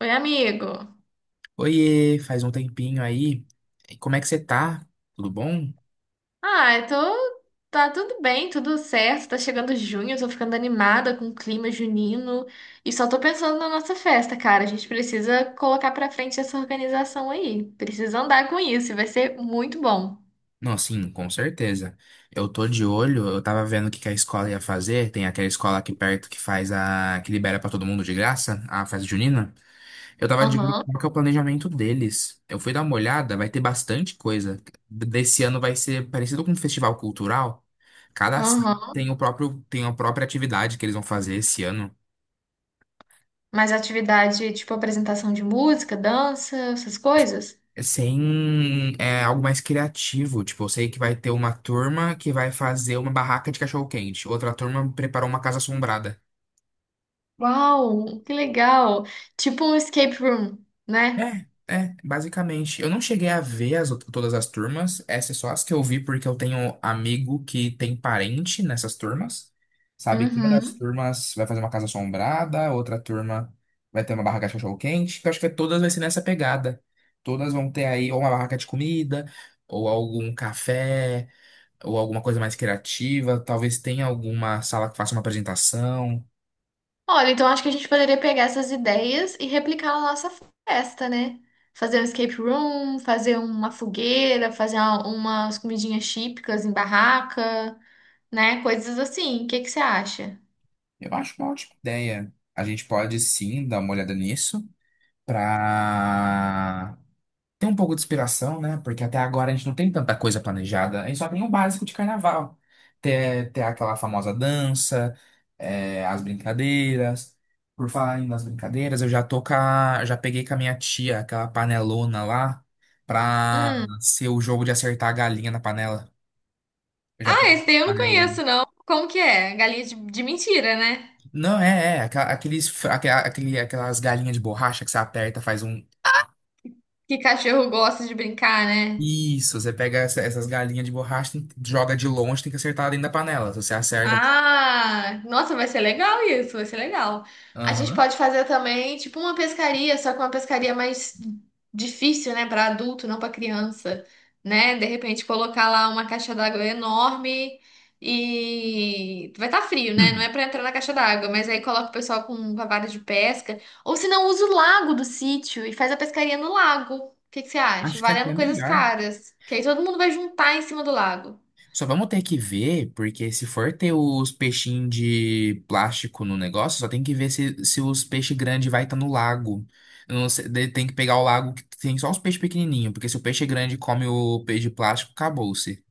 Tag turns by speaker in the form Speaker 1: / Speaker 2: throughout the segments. Speaker 1: Oi, amigo.
Speaker 2: Oiê, faz um tempinho aí. E como é que você tá? Tudo bom?
Speaker 1: Ah, eu tô. Tá tudo bem, tudo certo. Tá chegando junho, eu tô ficando animada com o clima junino. E só tô pensando na nossa festa, cara. A gente precisa colocar pra frente essa organização aí. Precisa andar com isso, e vai ser muito bom.
Speaker 2: Não, sim, com certeza. Eu tô de olho, eu tava vendo o que que a escola ia fazer. Tem aquela escola aqui perto que que libera pra todo mundo de graça, a festa junina. Eu tava de olho
Speaker 1: Aham,
Speaker 2: qual que é o planejamento deles. Eu fui dar uma olhada, vai ter bastante coisa. Desse ano vai ser parecido com um festival cultural. Cada sala
Speaker 1: aham.
Speaker 2: tem o tem a própria atividade que eles vão fazer esse ano.
Speaker 1: Mas atividade tipo apresentação de música, dança, essas coisas?
Speaker 2: Sem é, Algo mais criativo. Tipo, eu sei que vai ter uma turma que vai fazer uma barraca de cachorro-quente, outra turma preparou uma casa assombrada.
Speaker 1: Uau, que legal! Tipo um escape room, né?
Speaker 2: É, é, basicamente. Eu não cheguei a ver todas as turmas, essas só as que eu vi porque eu tenho amigo que tem parente nessas turmas. Sabe que uma das
Speaker 1: Uhum.
Speaker 2: turmas vai fazer uma casa assombrada, outra turma vai ter uma barraca de cachorro-quente. Que Eu acho que todas vai ser nessa pegada. Todas vão ter aí ou uma barraca de comida, ou algum café, ou alguma coisa mais criativa, talvez tenha alguma sala que faça uma apresentação.
Speaker 1: Olha, então acho que a gente poderia pegar essas ideias e replicar na nossa festa, né? Fazer um escape room, fazer uma fogueira, fazer umas comidinhas típicas em barraca, né? Coisas assim. O que que você acha?
Speaker 2: Eu acho uma ótima ideia. A gente pode sim dar uma olhada nisso para ter um pouco de inspiração, né? Porque até agora a gente não tem tanta coisa planejada, a gente só tem o básico de carnaval. Ter aquela famosa dança, as brincadeiras. Por falar ainda nas brincadeiras, eu já tô com a- já peguei com a minha tia aquela panelona lá pra
Speaker 1: Hum.
Speaker 2: ser o jogo de acertar a galinha na panela. Eu já
Speaker 1: Ah,
Speaker 2: peguei
Speaker 1: esse
Speaker 2: aquela
Speaker 1: daí eu não
Speaker 2: panelona.
Speaker 1: conheço, não. Como que é? Galinha de mentira, né?
Speaker 2: Não, é, é. Aqua- Aqueles, aquelas galinhas de borracha que você aperta, faz um.
Speaker 1: Que cachorro gosta de brincar, né?
Speaker 2: Isso, essas galinhas de borracha, joga de longe, tem que acertar dentro da panela. Se você acerta.
Speaker 1: Ah, nossa, vai ser legal isso, vai ser legal. A gente
Speaker 2: Aham.
Speaker 1: pode fazer também, tipo, uma pescaria, só que uma pescaria mais difícil, né, para adulto, não para criança, né? De repente colocar lá uma caixa d'água enorme e vai estar frio, né? Não é para entrar na caixa d'água, mas aí coloca o pessoal com a vara de pesca, ou se não, usa o lago do sítio e faz a pescaria no lago. O que que você acha?
Speaker 2: Acho que é até
Speaker 1: Valendo coisas
Speaker 2: melhor.
Speaker 1: caras, que aí todo mundo vai juntar em cima do lago.
Speaker 2: Só vamos ter que ver, porque se for ter os peixinhos de plástico no negócio, só tem que ver se os peixes grandes vai estar no lago. Eu não sei, daí tem que pegar o lago que tem só os peixes pequenininhos, porque se o peixe grande come o peixe de plástico, acabou-se.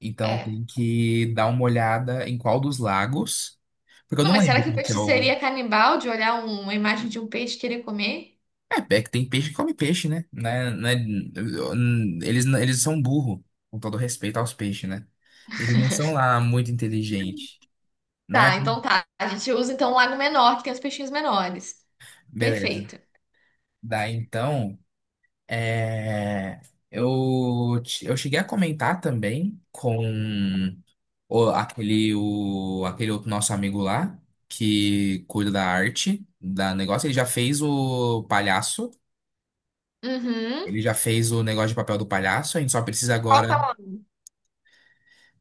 Speaker 2: Então
Speaker 1: É.
Speaker 2: tem que dar uma olhada em qual dos lagos. Porque eu
Speaker 1: Não,
Speaker 2: não
Speaker 1: mas será
Speaker 2: lembro
Speaker 1: que o
Speaker 2: qual que é
Speaker 1: peixe
Speaker 2: o.
Speaker 1: seria canibal de olhar uma imagem de um peixe e querer comer?
Speaker 2: É que tem peixe que come peixe, né? Né? Eles são burro, com todo respeito aos peixes, né? Eles não são lá muito inteligentes, né?
Speaker 1: Tá, então tá. A gente usa então um lago menor, que tem os peixinhos menores.
Speaker 2: Beleza.
Speaker 1: Perfeito.
Speaker 2: Daí então. É, eu cheguei a comentar também com aquele outro nosso amigo lá, que cuida da arte, da negócio. Ele já fez o palhaço,
Speaker 1: Uhum.
Speaker 2: ele já fez o negócio de papel do palhaço, a gente só precisa
Speaker 1: Qual o
Speaker 2: agora.
Speaker 1: tamanho?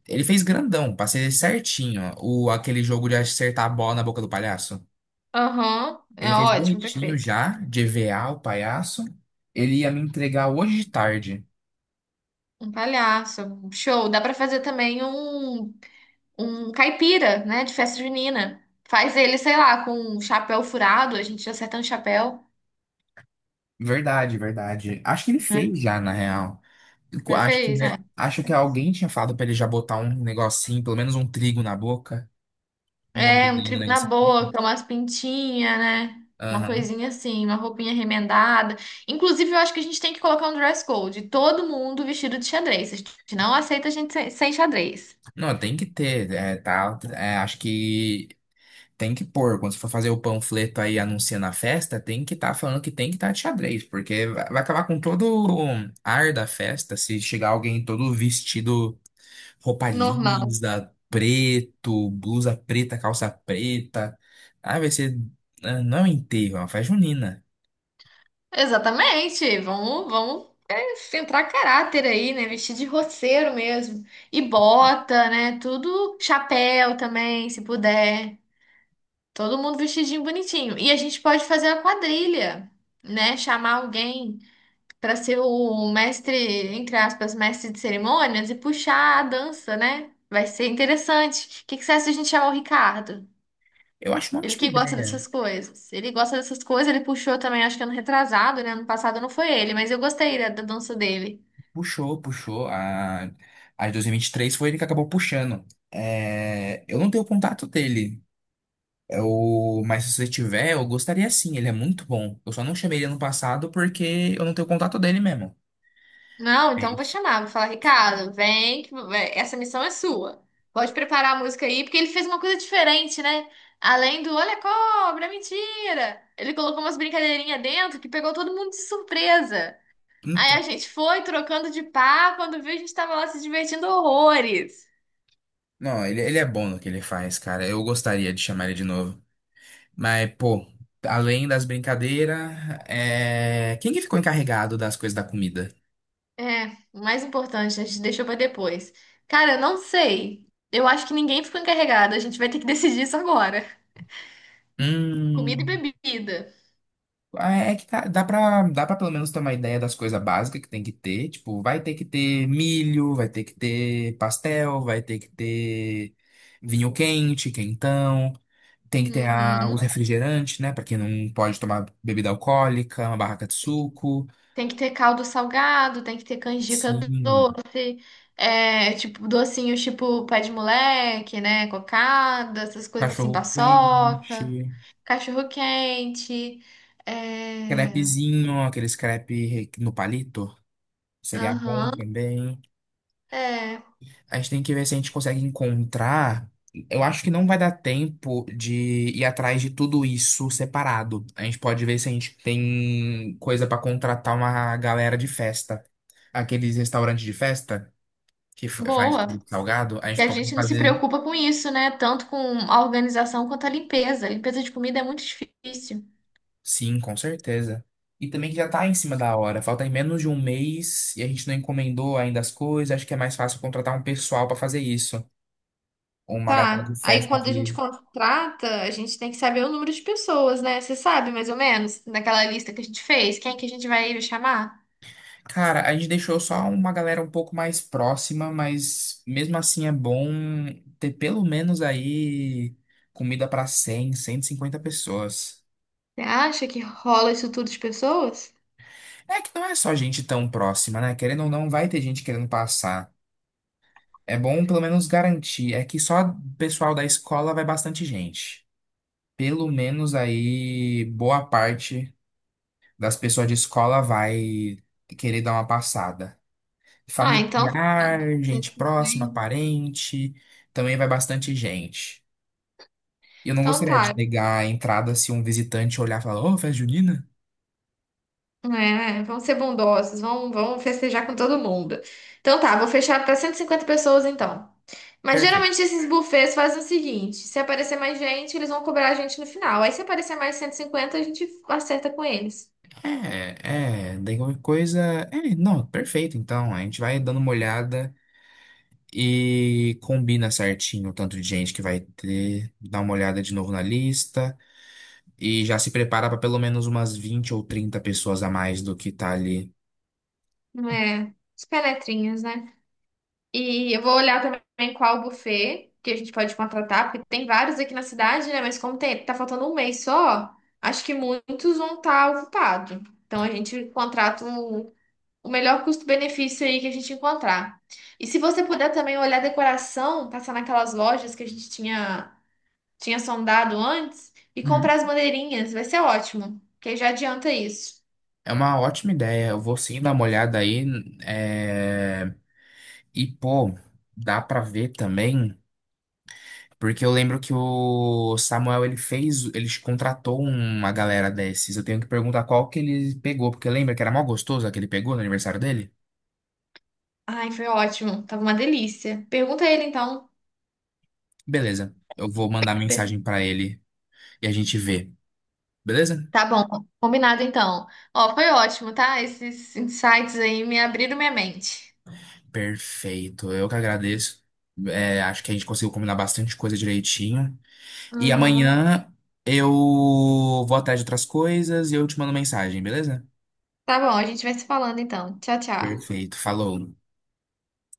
Speaker 2: Ele fez grandão, pra ser certinho, aquele jogo de acertar a bola na boca do palhaço.
Speaker 1: Aham. É
Speaker 2: Ele fez
Speaker 1: ótimo,
Speaker 2: bonitinho
Speaker 1: perfeito.
Speaker 2: já, de EVA o palhaço. Ele ia me entregar hoje de tarde.
Speaker 1: Um palhaço. Show. Dá pra fazer também um caipira, né? De festa junina. Faz ele, sei lá, com um chapéu furado. A gente acerta um chapéu,
Speaker 2: Verdade. Acho que ele
Speaker 1: né?
Speaker 2: fez já, na real. Co-
Speaker 1: Já
Speaker 2: Acho que,
Speaker 1: fez, né?
Speaker 2: acho que alguém tinha falado pra ele já botar um negocinho, pelo menos um trigo na boca,
Speaker 1: É,
Speaker 2: mordendo
Speaker 1: um
Speaker 2: ali no
Speaker 1: trigo na
Speaker 2: negocinho.
Speaker 1: boca, umas pintinhas, né? Uma
Speaker 2: Aham.
Speaker 1: coisinha assim, uma roupinha remendada. Inclusive, eu acho que a gente tem que colocar um dress code. Todo mundo vestido de xadrez. A gente não aceita a gente sem xadrez.
Speaker 2: Não, tem que ter, é, tá, é, acho que tem que pôr. Quando você for fazer o panfleto aí anunciando a festa, tem que estar falando que tem que estar de xadrez, porque vai acabar com todo o ar da festa se chegar alguém todo vestido. Roupa
Speaker 1: Normal.
Speaker 2: lisa, preto, blusa preta, calça preta. Ah, vai ser. Não é um enterro, é uma festa junina.
Speaker 1: Exatamente. Vamos é, centrar caráter aí, né? Vestir de roceiro mesmo. E bota, né? Tudo chapéu também, se puder. Todo mundo vestidinho bonitinho. E a gente pode fazer a quadrilha, né? Chamar alguém para ser o mestre, entre aspas, mestre de cerimônias e puxar a dança, né? Vai ser interessante. O que que você acha se a gente chamar o Ricardo?
Speaker 2: Eu acho uma
Speaker 1: Ele
Speaker 2: ótima
Speaker 1: que gosta
Speaker 2: ideia.
Speaker 1: dessas coisas. Ele gosta dessas coisas, ele puxou também, acho que ano retrasado, né? Ano passado não foi ele, mas eu gostei da dança dele.
Speaker 2: Puxou. A 2023 foi ele que acabou puxando. É, eu não tenho contato dele. Eu, mas se você tiver, eu gostaria sim. Ele é muito bom. Eu só não chamei ele ano passado porque eu não tenho contato dele mesmo.
Speaker 1: Não,
Speaker 2: É
Speaker 1: então eu vou
Speaker 2: isso.
Speaker 1: chamar, vou falar, Ricardo, vem, que essa missão é sua. Pode preparar a música aí, porque ele fez uma coisa diferente, né? Além do olha a cobra, mentira! Ele colocou umas brincadeirinhas dentro que pegou todo mundo de surpresa. Aí a
Speaker 2: Então,
Speaker 1: gente foi trocando de par, quando viu, a gente tava lá se divertindo horrores.
Speaker 2: não, ele é bom no que ele faz, cara. Eu gostaria de chamar ele de novo. Mas, pô, além das brincadeiras, quem que ficou encarregado das coisas da comida?
Speaker 1: É, o mais importante, a gente deixou pra depois. Cara, eu não sei. Eu acho que ninguém ficou encarregado. A gente vai ter que decidir isso agora. Comida e
Speaker 2: Hum.
Speaker 1: bebida.
Speaker 2: É que dá pra pelo menos ter uma ideia das coisas básicas que tem que ter. Tipo, vai ter que ter milho, vai ter que ter pastel, vai ter que ter vinho quente, quentão. Tem que ter o
Speaker 1: Uhum.
Speaker 2: refrigerante, né? Pra quem não pode tomar bebida alcoólica, uma barraca de suco.
Speaker 1: Tem que ter caldo salgado, tem que ter canjica
Speaker 2: Sim,
Speaker 1: doce, é, tipo, docinhos tipo pé de moleque, né? Cocada, essas coisas assim,
Speaker 2: cachorro
Speaker 1: paçoca,
Speaker 2: quente.
Speaker 1: cachorro quente. É.
Speaker 2: Crepezinho, aqueles crepe no palito, seria bom
Speaker 1: Aham.
Speaker 2: também.
Speaker 1: É.
Speaker 2: A gente tem que ver se a gente consegue encontrar. Eu acho que não vai dar tempo de ir atrás de tudo isso separado. A gente pode ver se a gente tem coisa pra contratar uma galera de festa. Aqueles restaurantes de festa que faz
Speaker 1: Boa.
Speaker 2: produto salgado, a
Speaker 1: E
Speaker 2: gente
Speaker 1: a
Speaker 2: pode
Speaker 1: gente não se
Speaker 2: fazer
Speaker 1: preocupa com isso, né? Tanto com a organização quanto a limpeza. A limpeza de comida é muito difícil.
Speaker 2: sim, com certeza. E também que já tá em cima da hora, falta em menos de um mês e a gente não encomendou ainda as coisas, acho que é mais fácil contratar um pessoal pra fazer isso. Uma galera do
Speaker 1: Tá. Aí
Speaker 2: Festa
Speaker 1: quando a gente
Speaker 2: que.
Speaker 1: contrata, a gente tem que saber o número de pessoas, né? Você sabe mais ou menos, naquela lista que a gente fez, quem é que a gente vai chamar?
Speaker 2: Cara, a gente deixou só uma galera um pouco mais próxima, mas mesmo assim é bom ter pelo menos aí comida pra 100, 150 pessoas.
Speaker 1: Você acha que rola isso tudo de pessoas?
Speaker 2: É que não é só gente tão próxima, né? Querendo ou não, vai ter gente querendo passar. É bom pelo menos garantir. É que só pessoal da escola vai bastante gente. Pelo menos aí boa parte das pessoas de escola vai querer dar uma passada.
Speaker 1: Ah, então tá.
Speaker 2: Familiar, gente próxima, parente, também vai bastante gente. Eu não
Speaker 1: Então
Speaker 2: gostaria de
Speaker 1: tá,
Speaker 2: negar a entrada se um visitante olhar e falar, ô, festa junina?
Speaker 1: é, vão ser bondosos, vão festejar com todo mundo. Então tá, vou fechar para 150 pessoas então. Mas
Speaker 2: Perfeito.
Speaker 1: geralmente esses buffets fazem o seguinte: se aparecer mais gente, eles vão cobrar a gente no final. Aí se aparecer mais 150 a gente acerta com eles.
Speaker 2: Daí qualquer coisa. É, não, perfeito. Então, a gente vai dando uma olhada e combina certinho o tanto de gente que vai ter, dá uma olhada de novo na lista e já se prepara para pelo menos umas 20 ou 30 pessoas a mais do que tá ali.
Speaker 1: Não é? Os penetrinhas, né? E eu vou olhar também qual buffet que a gente pode contratar, porque tem vários aqui na cidade, né? Mas como tem, tá faltando um mês só, acho que muitos vão estar ocupados. Então a gente contrata um o melhor custo-benefício aí que a gente encontrar. E se você puder também olhar a decoração, passar naquelas lojas que a gente tinha sondado antes e comprar as bandeirinhas, vai ser ótimo, que aí já adianta isso.
Speaker 2: É uma ótima ideia. Eu vou sim dar uma olhada aí. é, E, pô, dá pra ver também. Porque eu lembro que o Samuel, ele contratou uma galera desses. Eu tenho que perguntar qual que ele pegou, porque lembra que era mó gostoso a que ele pegou no aniversário dele?
Speaker 1: Ai, foi ótimo, tava uma delícia. Pergunta a ele então.
Speaker 2: Beleza. Eu vou mandar
Speaker 1: Per-
Speaker 2: mensagem pra ele e a gente vê. Beleza?
Speaker 1: Tá bom, combinado então. Ó, foi ótimo, tá? Esses insights aí me abriram minha mente.
Speaker 2: Perfeito. Eu que agradeço. É, acho que a gente conseguiu combinar bastante coisa direitinho. E
Speaker 1: Uhum.
Speaker 2: amanhã eu vou atrás de outras coisas e eu te mando mensagem, beleza?
Speaker 1: Tá bom, a gente vai se falando então. Tchau, tchau.
Speaker 2: Perfeito, falou.